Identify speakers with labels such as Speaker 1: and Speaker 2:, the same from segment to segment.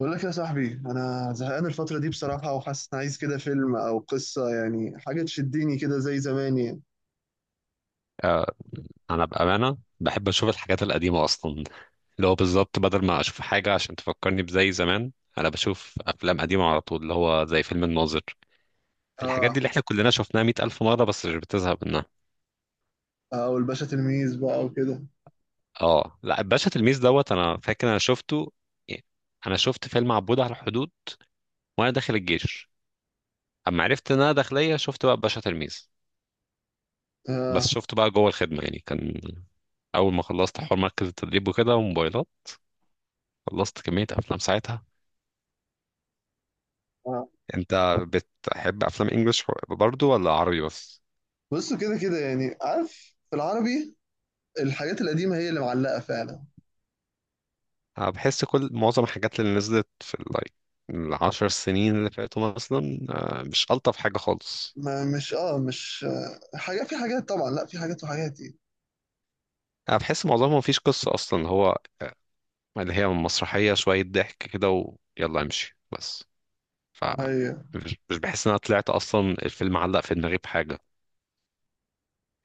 Speaker 1: بقول لك يا صاحبي، انا زهقان الفتره دي بصراحه، وحاسس ان عايز كده فيلم او قصه، يعني حاجه تشدني كده زي زمان يعني.
Speaker 2: آه، انا بامانه بحب اشوف الحاجات القديمه اصلا. اللي هو بالظبط بدل ما اشوف حاجه عشان تفكرني بزي زمان، انا بشوف افلام قديمه على طول اللي هو زي فيلم الناظر. الحاجات دي
Speaker 1: اه.
Speaker 2: اللي احنا كلنا شفناها 100 الف مره بس مش بتزهق منها.
Speaker 1: او الباشا تلميذ بقى وكده.
Speaker 2: اه لا، الباشا تلميذ دوت انا فاكر انا شفته، يعني. انا شفت فيلم عبود على الحدود وانا داخل الجيش. اما عرفت ان انا داخليه شفت بقى الباشا تلميذ. بس
Speaker 1: اه.
Speaker 2: شفته بقى جوه الخدمه، يعني كان اول ما خلصت حوار مركز التدريب وكده وموبايلات خلصت كميه افلام ساعتها.
Speaker 1: اه.
Speaker 2: انت بتحب افلام انجلش برضو ولا عربي بس؟
Speaker 1: بصوا، كده كده يعني، عارف، في العربي الحاجات القديمه هي اللي معلقه فعلا.
Speaker 2: أنا بحس كل معظم الحاجات اللي نزلت في اللايك ال10 سنين اللي فاتوا مثلا مش الطف حاجه خالص.
Speaker 1: ما مش حاجه، في حاجات طبعا، لا في حاجات وحاجات يعني.
Speaker 2: انا بحس معظمهم مفيش قصه اصلا هو، اللي هي مسرحيه شويه ضحك كده ويلا امشي بس. ف
Speaker 1: ايوه.
Speaker 2: مش بحس ان انا طلعت اصلا الفيلم علق في دماغي بحاجه.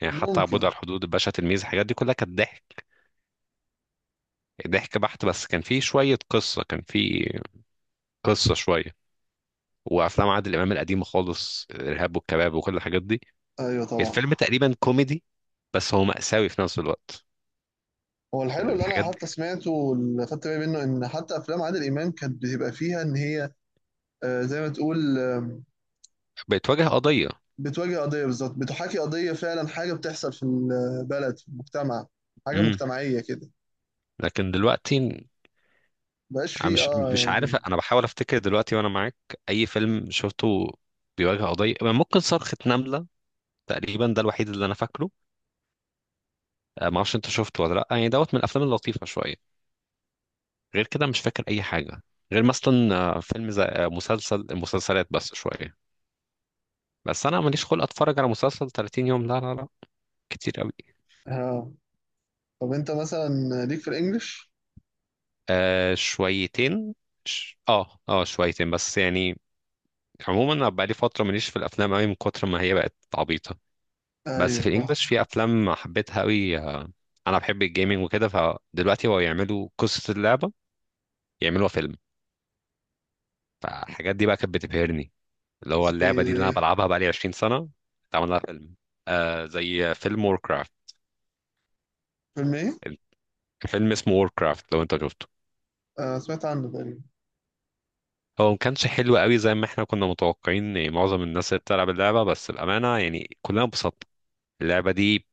Speaker 2: يعني حتى عبود
Speaker 1: ممكن.
Speaker 2: على الحدود، الباشا تلميذ، الحاجات دي كلها كانت ضحك. ضحك بحت بس كان فيه شويه قصه، كان فيه قصه شويه. وافلام عادل امام القديمه خالص، الارهاب والكباب وكل الحاجات دي.
Speaker 1: ايوه طبعا.
Speaker 2: الفيلم تقريبا كوميدي بس هو مأساوي في نفس الوقت.
Speaker 1: هو الحلو اللي انا
Speaker 2: الحاجات دي
Speaker 1: حتى سمعته واللي خدت بالي منه ان حتى افلام عادل امام كانت بتبقى فيها ان هي زي ما تقول آه
Speaker 2: بتواجه قضيه.
Speaker 1: بتواجه قضية بالظبط، بتحاكي قضية فعلا، حاجة بتحصل في البلد في المجتمع، حاجة
Speaker 2: امم
Speaker 1: مجتمعية كده.
Speaker 2: لكن دلوقتي
Speaker 1: مبقاش
Speaker 2: أنا
Speaker 1: فيه
Speaker 2: مش مش عارف،
Speaker 1: يعني.
Speaker 2: انا بحاول افتكر دلوقتي وانا معاك اي فيلم شفته بيواجه قضيه. ممكن صرخه نمله، تقريبا ده الوحيد اللي انا فاكره. ما اعرفش انت شفته ولا لا، يعني دوت من الافلام اللطيفه شويه. غير كده مش فاكر اي حاجه، غير مثلا فيلم زي مسلسل المسلسلات بس شويه. بس انا ماليش خلق اتفرج على مسلسل 30 يوم، لا لا لا، كتير قوي.
Speaker 1: اه. طب انت مثلا ليك في الانجليش؟
Speaker 2: آه شويتين. اه اه شويتين بس، يعني عموما انا بقالي فتره ماليش في الافلام قوي من كتر ما هي بقت عبيطه. بس
Speaker 1: ايوه
Speaker 2: في
Speaker 1: فاهم.
Speaker 2: الانجليش في افلام حبيتها قوي. انا بحب الجيمنج وكده، فدلوقتي هو يعملوا قصه اللعبه يعملوها فيلم. فالحاجات دي بقى كانت بتبهرني، اللي هو
Speaker 1: زي
Speaker 2: اللعبه دي اللي انا
Speaker 1: ايه؟
Speaker 2: بلعبها بقالي 20 سنه اتعمل لها فيلم. آه زي فيلم ووركرافت.
Speaker 1: فيلم ايه؟
Speaker 2: فيلم اسمه ووركرافت، لو انت شفته
Speaker 1: آه، سمعت عنه تقريبا.
Speaker 2: هو ما كانش حلو قوي زي ما احنا كنا متوقعين، يعني معظم الناس اللي بتلعب اللعبة بس الأمانة يعني كلنا انبسطنا. اللعبة دي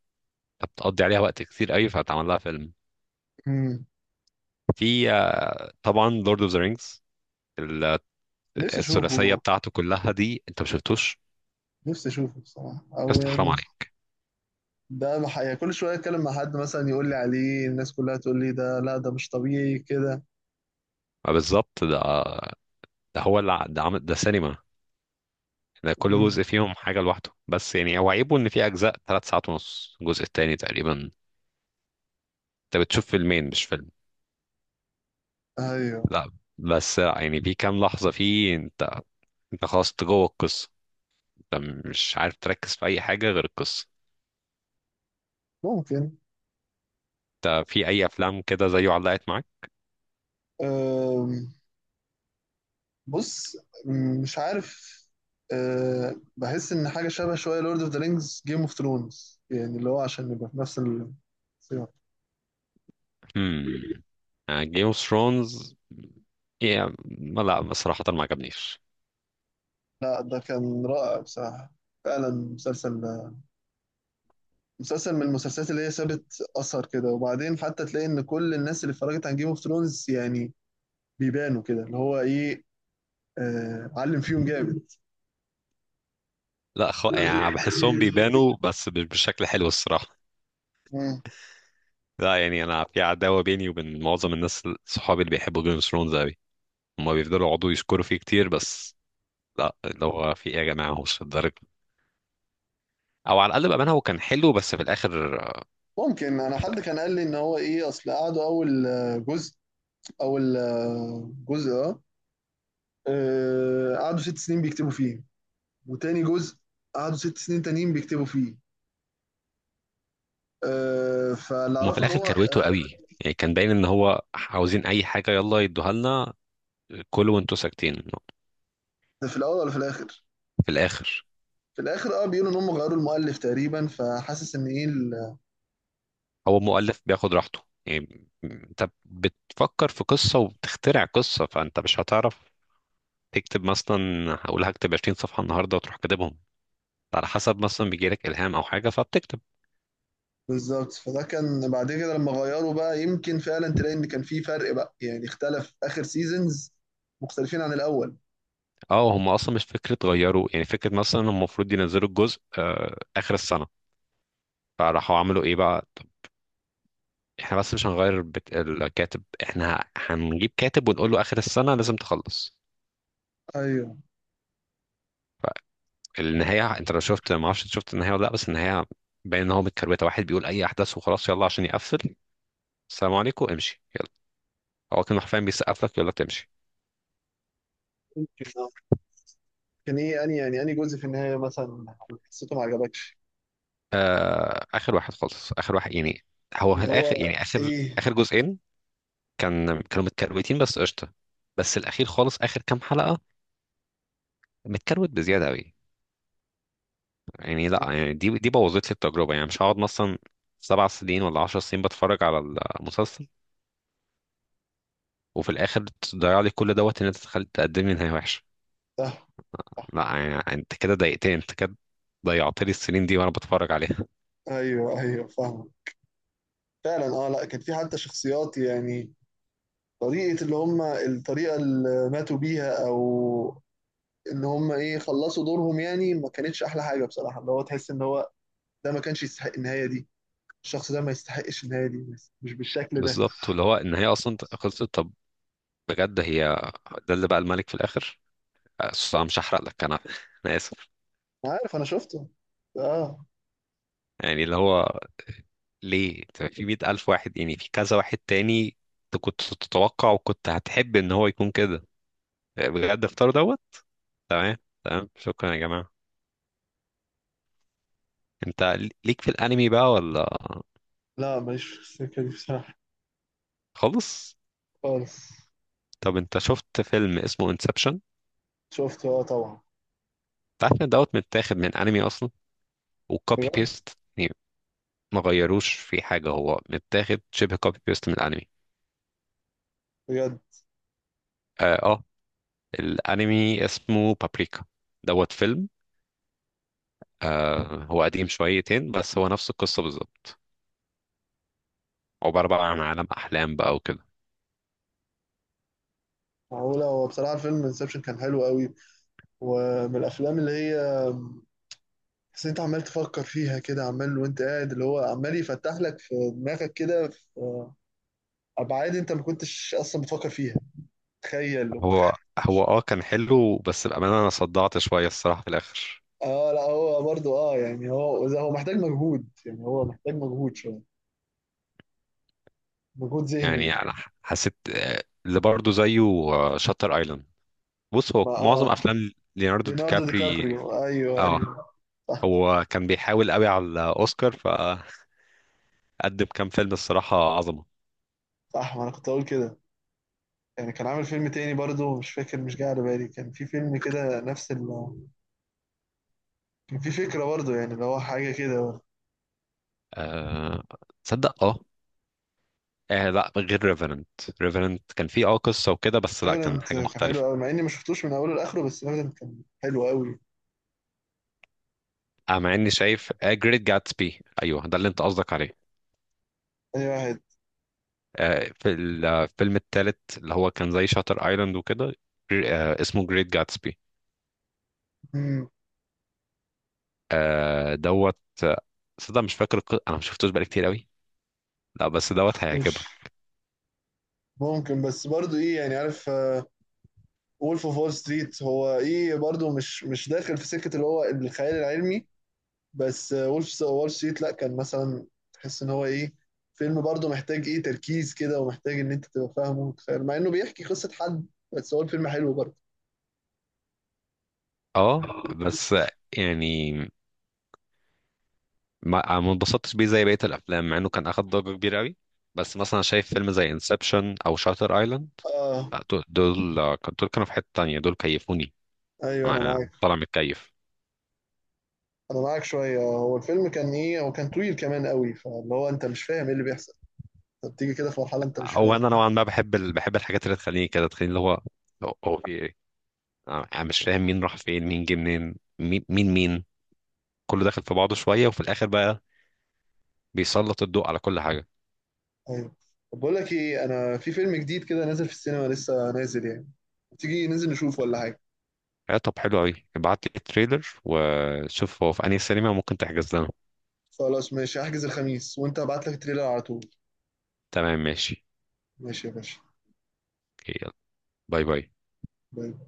Speaker 2: بتقضي عليها وقت كتير قوي فهتعمل لها فيلم.
Speaker 1: مم.
Speaker 2: في، طبعا لورد اوف ذا رينجز،
Speaker 1: نفسي
Speaker 2: الثلاثية
Speaker 1: اشوفه.
Speaker 2: بتاعته كلها دي انت ما شفتوش؟
Speaker 1: نفسي اشوفه بصراحة، او
Speaker 2: بس حرام
Speaker 1: يعني
Speaker 2: عليك.
Speaker 1: يعني كل شوية اتكلم مع حد مثلا يقول لي عليه، الناس كلها تقول لي ده، لا ده مش طبيعي كده.
Speaker 2: ما بالظبط ده، ده هو اللي ده عمل، ده سينما. ده كل
Speaker 1: مم.
Speaker 2: جزء فيهم حاجة لوحده، بس يعني هو عيبه ان في أجزاء 3 ساعات ونص، الجزء التاني تقريبا انت بتشوف فيلمين مش فيلم.
Speaker 1: ايوه
Speaker 2: لا بس يعني في كام لحظة فيه انت خلاص، انت جوه القصه، انت مش عارف تركز في اي حاجه غير القصه. انت في اي افلام كده زيه علقت معاك؟
Speaker 1: ممكن. بص، مش عارف. أه، بحس ان حاجه شبه شويه لورد اوف ذا رينجز جيم اوف ثرونز، يعني اللي هو عشان نبقى في نفس السياق.
Speaker 2: هم جيم اوف ثرونز لا بصراحه ما عجبنيش.
Speaker 1: لا ده كان رائع بصراحه، فعلا مسلسل، مسلسل من المسلسلات اللي هي سابت اثر كده، وبعدين حتى تلاقي ان كل الناس اللي اتفرجت عن جيم اوف ثرونز يعني بيبانوا كده، اللي هو ايه، أه علم فيهم جامد.
Speaker 2: لا يعني بحسهم بيبانوا بس مش بشكل حلو الصراحه.
Speaker 1: مم.
Speaker 2: لا يعني انا في عداوه بيني وبين معظم الناس، صحابي اللي بيحبوا جيم اوف ثرونز قوي، هما بيفضلوا يقعدوا يشكروا فيه كتير بس لا، اللي هو في ايه يا جماعه، هو مش الدرجه. او على الاقل بامانه هو كان حلو بس في الاخر،
Speaker 1: ممكن انا حد كان قال لي ان هو ايه، اصل قعدوا اول جزء، اول جزء، قعدوا 6 سنين بيكتبوا فيه، وتاني جزء قعدوا 6 سنين تانيين بيكتبوا فيه، فاللي
Speaker 2: هما في
Speaker 1: اعرفه ان
Speaker 2: الاخر
Speaker 1: هو
Speaker 2: كرويته قوي، يعني كان باين ان هو عاوزين اي حاجه يلا يدوها لنا، كلوا وانتوا ساكتين.
Speaker 1: ده في الاول ولا في الاخر.
Speaker 2: في الاخر.
Speaker 1: في الاخر اه، بيقولوا ان هم غيروا المؤلف تقريبا، فحاسس ان ايه
Speaker 2: هو مؤلف بياخد راحته، يعني انت بتفكر في قصه وبتخترع قصه فانت مش هتعرف تكتب مثلا، هقول هكتب 20 صفحه النهارده وتروح كاتبهم، على حسب مثلا بيجي لك الهام او حاجه فبتكتب.
Speaker 1: بالظبط. فده كان بعد كده لما غيروا بقى، يمكن فعلا تلاقي ان كان في فرق بقى، يعني اختلف اخر سيزونز مختلفين عن الاول.
Speaker 2: اه، هم اصلا مش فكره غيروا، يعني فكره مثلا هم المفروض ينزلوا الجزء اخر السنه، فراحوا عملوا ايه بقى؟ احنا بس مش هنغير الكاتب، احنا هنجيب كاتب ونقول له اخر السنه لازم تخلص.
Speaker 1: ايوه.
Speaker 2: فالنهايه انت لو شفت، ما اعرفش شفت النهايه ولا لا، بس النهايه باين ان هو متكروته، واحد بيقول اي احداث وخلاص يلا عشان يقفل، السلام عليكم امشي يلا. هو كان حرفيا بيسقف لك يقول لك تمشي.
Speaker 1: يمكن آه. كان ايه، اني يعني اني جزء في النهايه مثلا حسيته ما عجبكش؟
Speaker 2: اخر واحد خالص، اخر واحد يعني. هو في
Speaker 1: اللي
Speaker 2: الاخر
Speaker 1: هو
Speaker 2: يعني اخر،
Speaker 1: ايه
Speaker 2: اخر جزئين كانوا متكروتين بس قشطه، بس الاخير خالص اخر كام حلقه متكروت بزياده قوي. يعني لا، يعني دي بوظت لي التجربه، يعني مش هقعد مثلا 7 سنين ولا 10 سنين بتفرج على المسلسل وفي الاخر تضيع لي كل دوت ان انت تخلي تقدم لي نهايه وحشه.
Speaker 1: ده؟
Speaker 2: لا يعني انت كده ضايقتني، انت كده ضيعت لي السنين دي وانا بتفرج عليها.
Speaker 1: ايوه ايوه فاهم، فعلا اه. لا كان في حتى شخصيات يعني، طريقة اللي هم الطريقة اللي ماتوا بيها، او ان هم ايه خلصوا دورهم، يعني ما كانتش احلى حاجة بصراحة، اللي هو تحس ان هو ده ما كانش يستحق النهاية دي، الشخص ده ما يستحقش النهاية دي بس مش بالشكل ده.
Speaker 2: بالظبط، واللي هو النهايه اصلا خلصت، طب بجد هي ده اللي بقى الملك في الاخر؟ أصل انا مش هحرق لك، انا اسف.
Speaker 1: أنا عارف انا شفته. اه.
Speaker 2: يعني اللي هو ليه أنت في 100 الف واحد، يعني في كذا واحد تاني أنت كنت تتوقع وكنت هتحب ان هو يكون كده، بجد اختار دوت. تمام، تمام شكرا يا جماعة. انت ليك في الانمي بقى ولا؟
Speaker 1: لا ماليش في السكة دي بصراحة.
Speaker 2: خالص؟
Speaker 1: خالص.
Speaker 2: طب انت شفت فيلم اسمه انسبشن؟
Speaker 1: شفته اه طبعا.
Speaker 2: انت عارف ان دوت متاخد من انمي اصلا وكوبي
Speaker 1: بجد.
Speaker 2: بيست، يعني ما غيروش في حاجة هو متاخد شبه كوبي بيست من الانمي.
Speaker 1: بجد.
Speaker 2: اه, آه، الانمي اسمه بابريكا دوت فيلم. آه هو قديم شويتين بس هو نفس القصة بالظبط. عبارة بقى عن عالم احلام بقى وكده.
Speaker 1: معقولة. هو بصراحة الفيلم انسبشن كان حلو قوي، ومن الافلام اللي هي، بس انت عمال تفكر فيها كده عمال وانت قاعد، اللي هو عمال يفتح لك في دماغك كده في ابعاد انت ما كنتش اصلا بتفكر فيها. تخيل
Speaker 2: هو هو اه كان حلو بس بأمانة انا صدعت شوية الصراحة في الآخر.
Speaker 1: اه لا هو برضو اه يعني، هو محتاج مجهود، يعني هو محتاج مجهود شويه، مجهود ذهني
Speaker 2: يعني
Speaker 1: يعني.
Speaker 2: انا حسيت، اللي برضه زيه شاتر ايلاند. بص هو
Speaker 1: ما
Speaker 2: معظم
Speaker 1: اه
Speaker 2: افلام ليوناردو دي
Speaker 1: ليوناردو دي
Speaker 2: كابري.
Speaker 1: كابريو، ايوه
Speaker 2: اه
Speaker 1: ايوه. صح.
Speaker 2: هو كان بيحاول قوي على الاوسكار فقدم كام فيلم الصراحة عظمة.
Speaker 1: صح ما انا كنت اقول كده، يعني كان عامل فيلم تاني برضو مش فاكر، مش جاي على بالي، كان في فيلم كده نفس ال كان في فكره برضو، يعني اللي هو حاجه كده.
Speaker 2: آه، تصدق، اه. آه لا، غير ريفرنت. ريفرنت كان فيه قصة وكده، بس لا كان
Speaker 1: ايفيدنت
Speaker 2: حاجة
Speaker 1: كان حلو
Speaker 2: مختلفة.
Speaker 1: قوي، مع اني ما شفتوش من اوله لاخره، بس ايفيدنت كان حلو قوي.
Speaker 2: آه مع اني شايف جريت جاتسبي، ايوه ده اللي انت قصدك عليه.
Speaker 1: تاني واحد.
Speaker 2: في الفيلم الثالث اللي هو كان زي شاتر ايلاند وكده، اسمه جريت جاتسبي.
Speaker 1: مم، ما
Speaker 2: دوت. آه، صدق مش فاكر، انا ما شفتوش بقالي كتير قوي. لا بس دوت
Speaker 1: شفتوش.
Speaker 2: هيعجبك.
Speaker 1: ممكن، بس برضو ايه، يعني عارف، وولف اوف وول ستريت هو ايه برضو، مش داخل في سكة اللي هو الخيال العلمي، بس وولف اوف وول ستريت لا، كان مثلا تحس ان هو ايه، فيلم برضو محتاج ايه تركيز كده، ومحتاج ان انت تبقى فاهمه وتتخيل، مع انه بيحكي قصة حد، بس هو الفيلم حلو برضو.
Speaker 2: اه بس، يعني ما اتبسطتش بيه زي بقية الافلام، مع انه كان اخد ضجة كبيرة قوي. بس مثلا شايف فيلم زي انسبشن او شاتر ايلاند،
Speaker 1: اه.
Speaker 2: دول دول كانوا في حتة تانية، دول كيفوني.
Speaker 1: ايوه انا
Speaker 2: انا
Speaker 1: معاك.
Speaker 2: طالع متكيف.
Speaker 1: انا معاك شويه، هو الفيلم كان ايه، هو كان طويل كمان قوي، فاللي هو انت مش فاهم ايه اللي بيحصل، انت بتيجي كده في مرحله انت مش
Speaker 2: هو
Speaker 1: فاهم.
Speaker 2: انا نوعا ما بحب بحب الحاجات اللي تخليني كده، تخليني اللي هو هو انا مش فاهم مين راح فين مين جه منين مين مين مين، كله داخل في بعضه شويه وفي الاخر بقى بيسلط الضوء على كل حاجه.
Speaker 1: ايوه. طب بقول لك ايه، انا في فيلم جديد كده نازل في السينما، لسه نازل يعني، تيجي ننزل نشوفه ولا حاجه؟
Speaker 2: آه طب حلو قوي، ابعت لي التريلر وشوف هو في انهي سينما ممكن تحجز لنا.
Speaker 1: خلاص ماشي، هحجز الخميس وانت هبعت لك التريلر على طول.
Speaker 2: تمام ماشي.
Speaker 1: ماشي يا باشا.
Speaker 2: أوكي، يلا. باي باي.
Speaker 1: باي.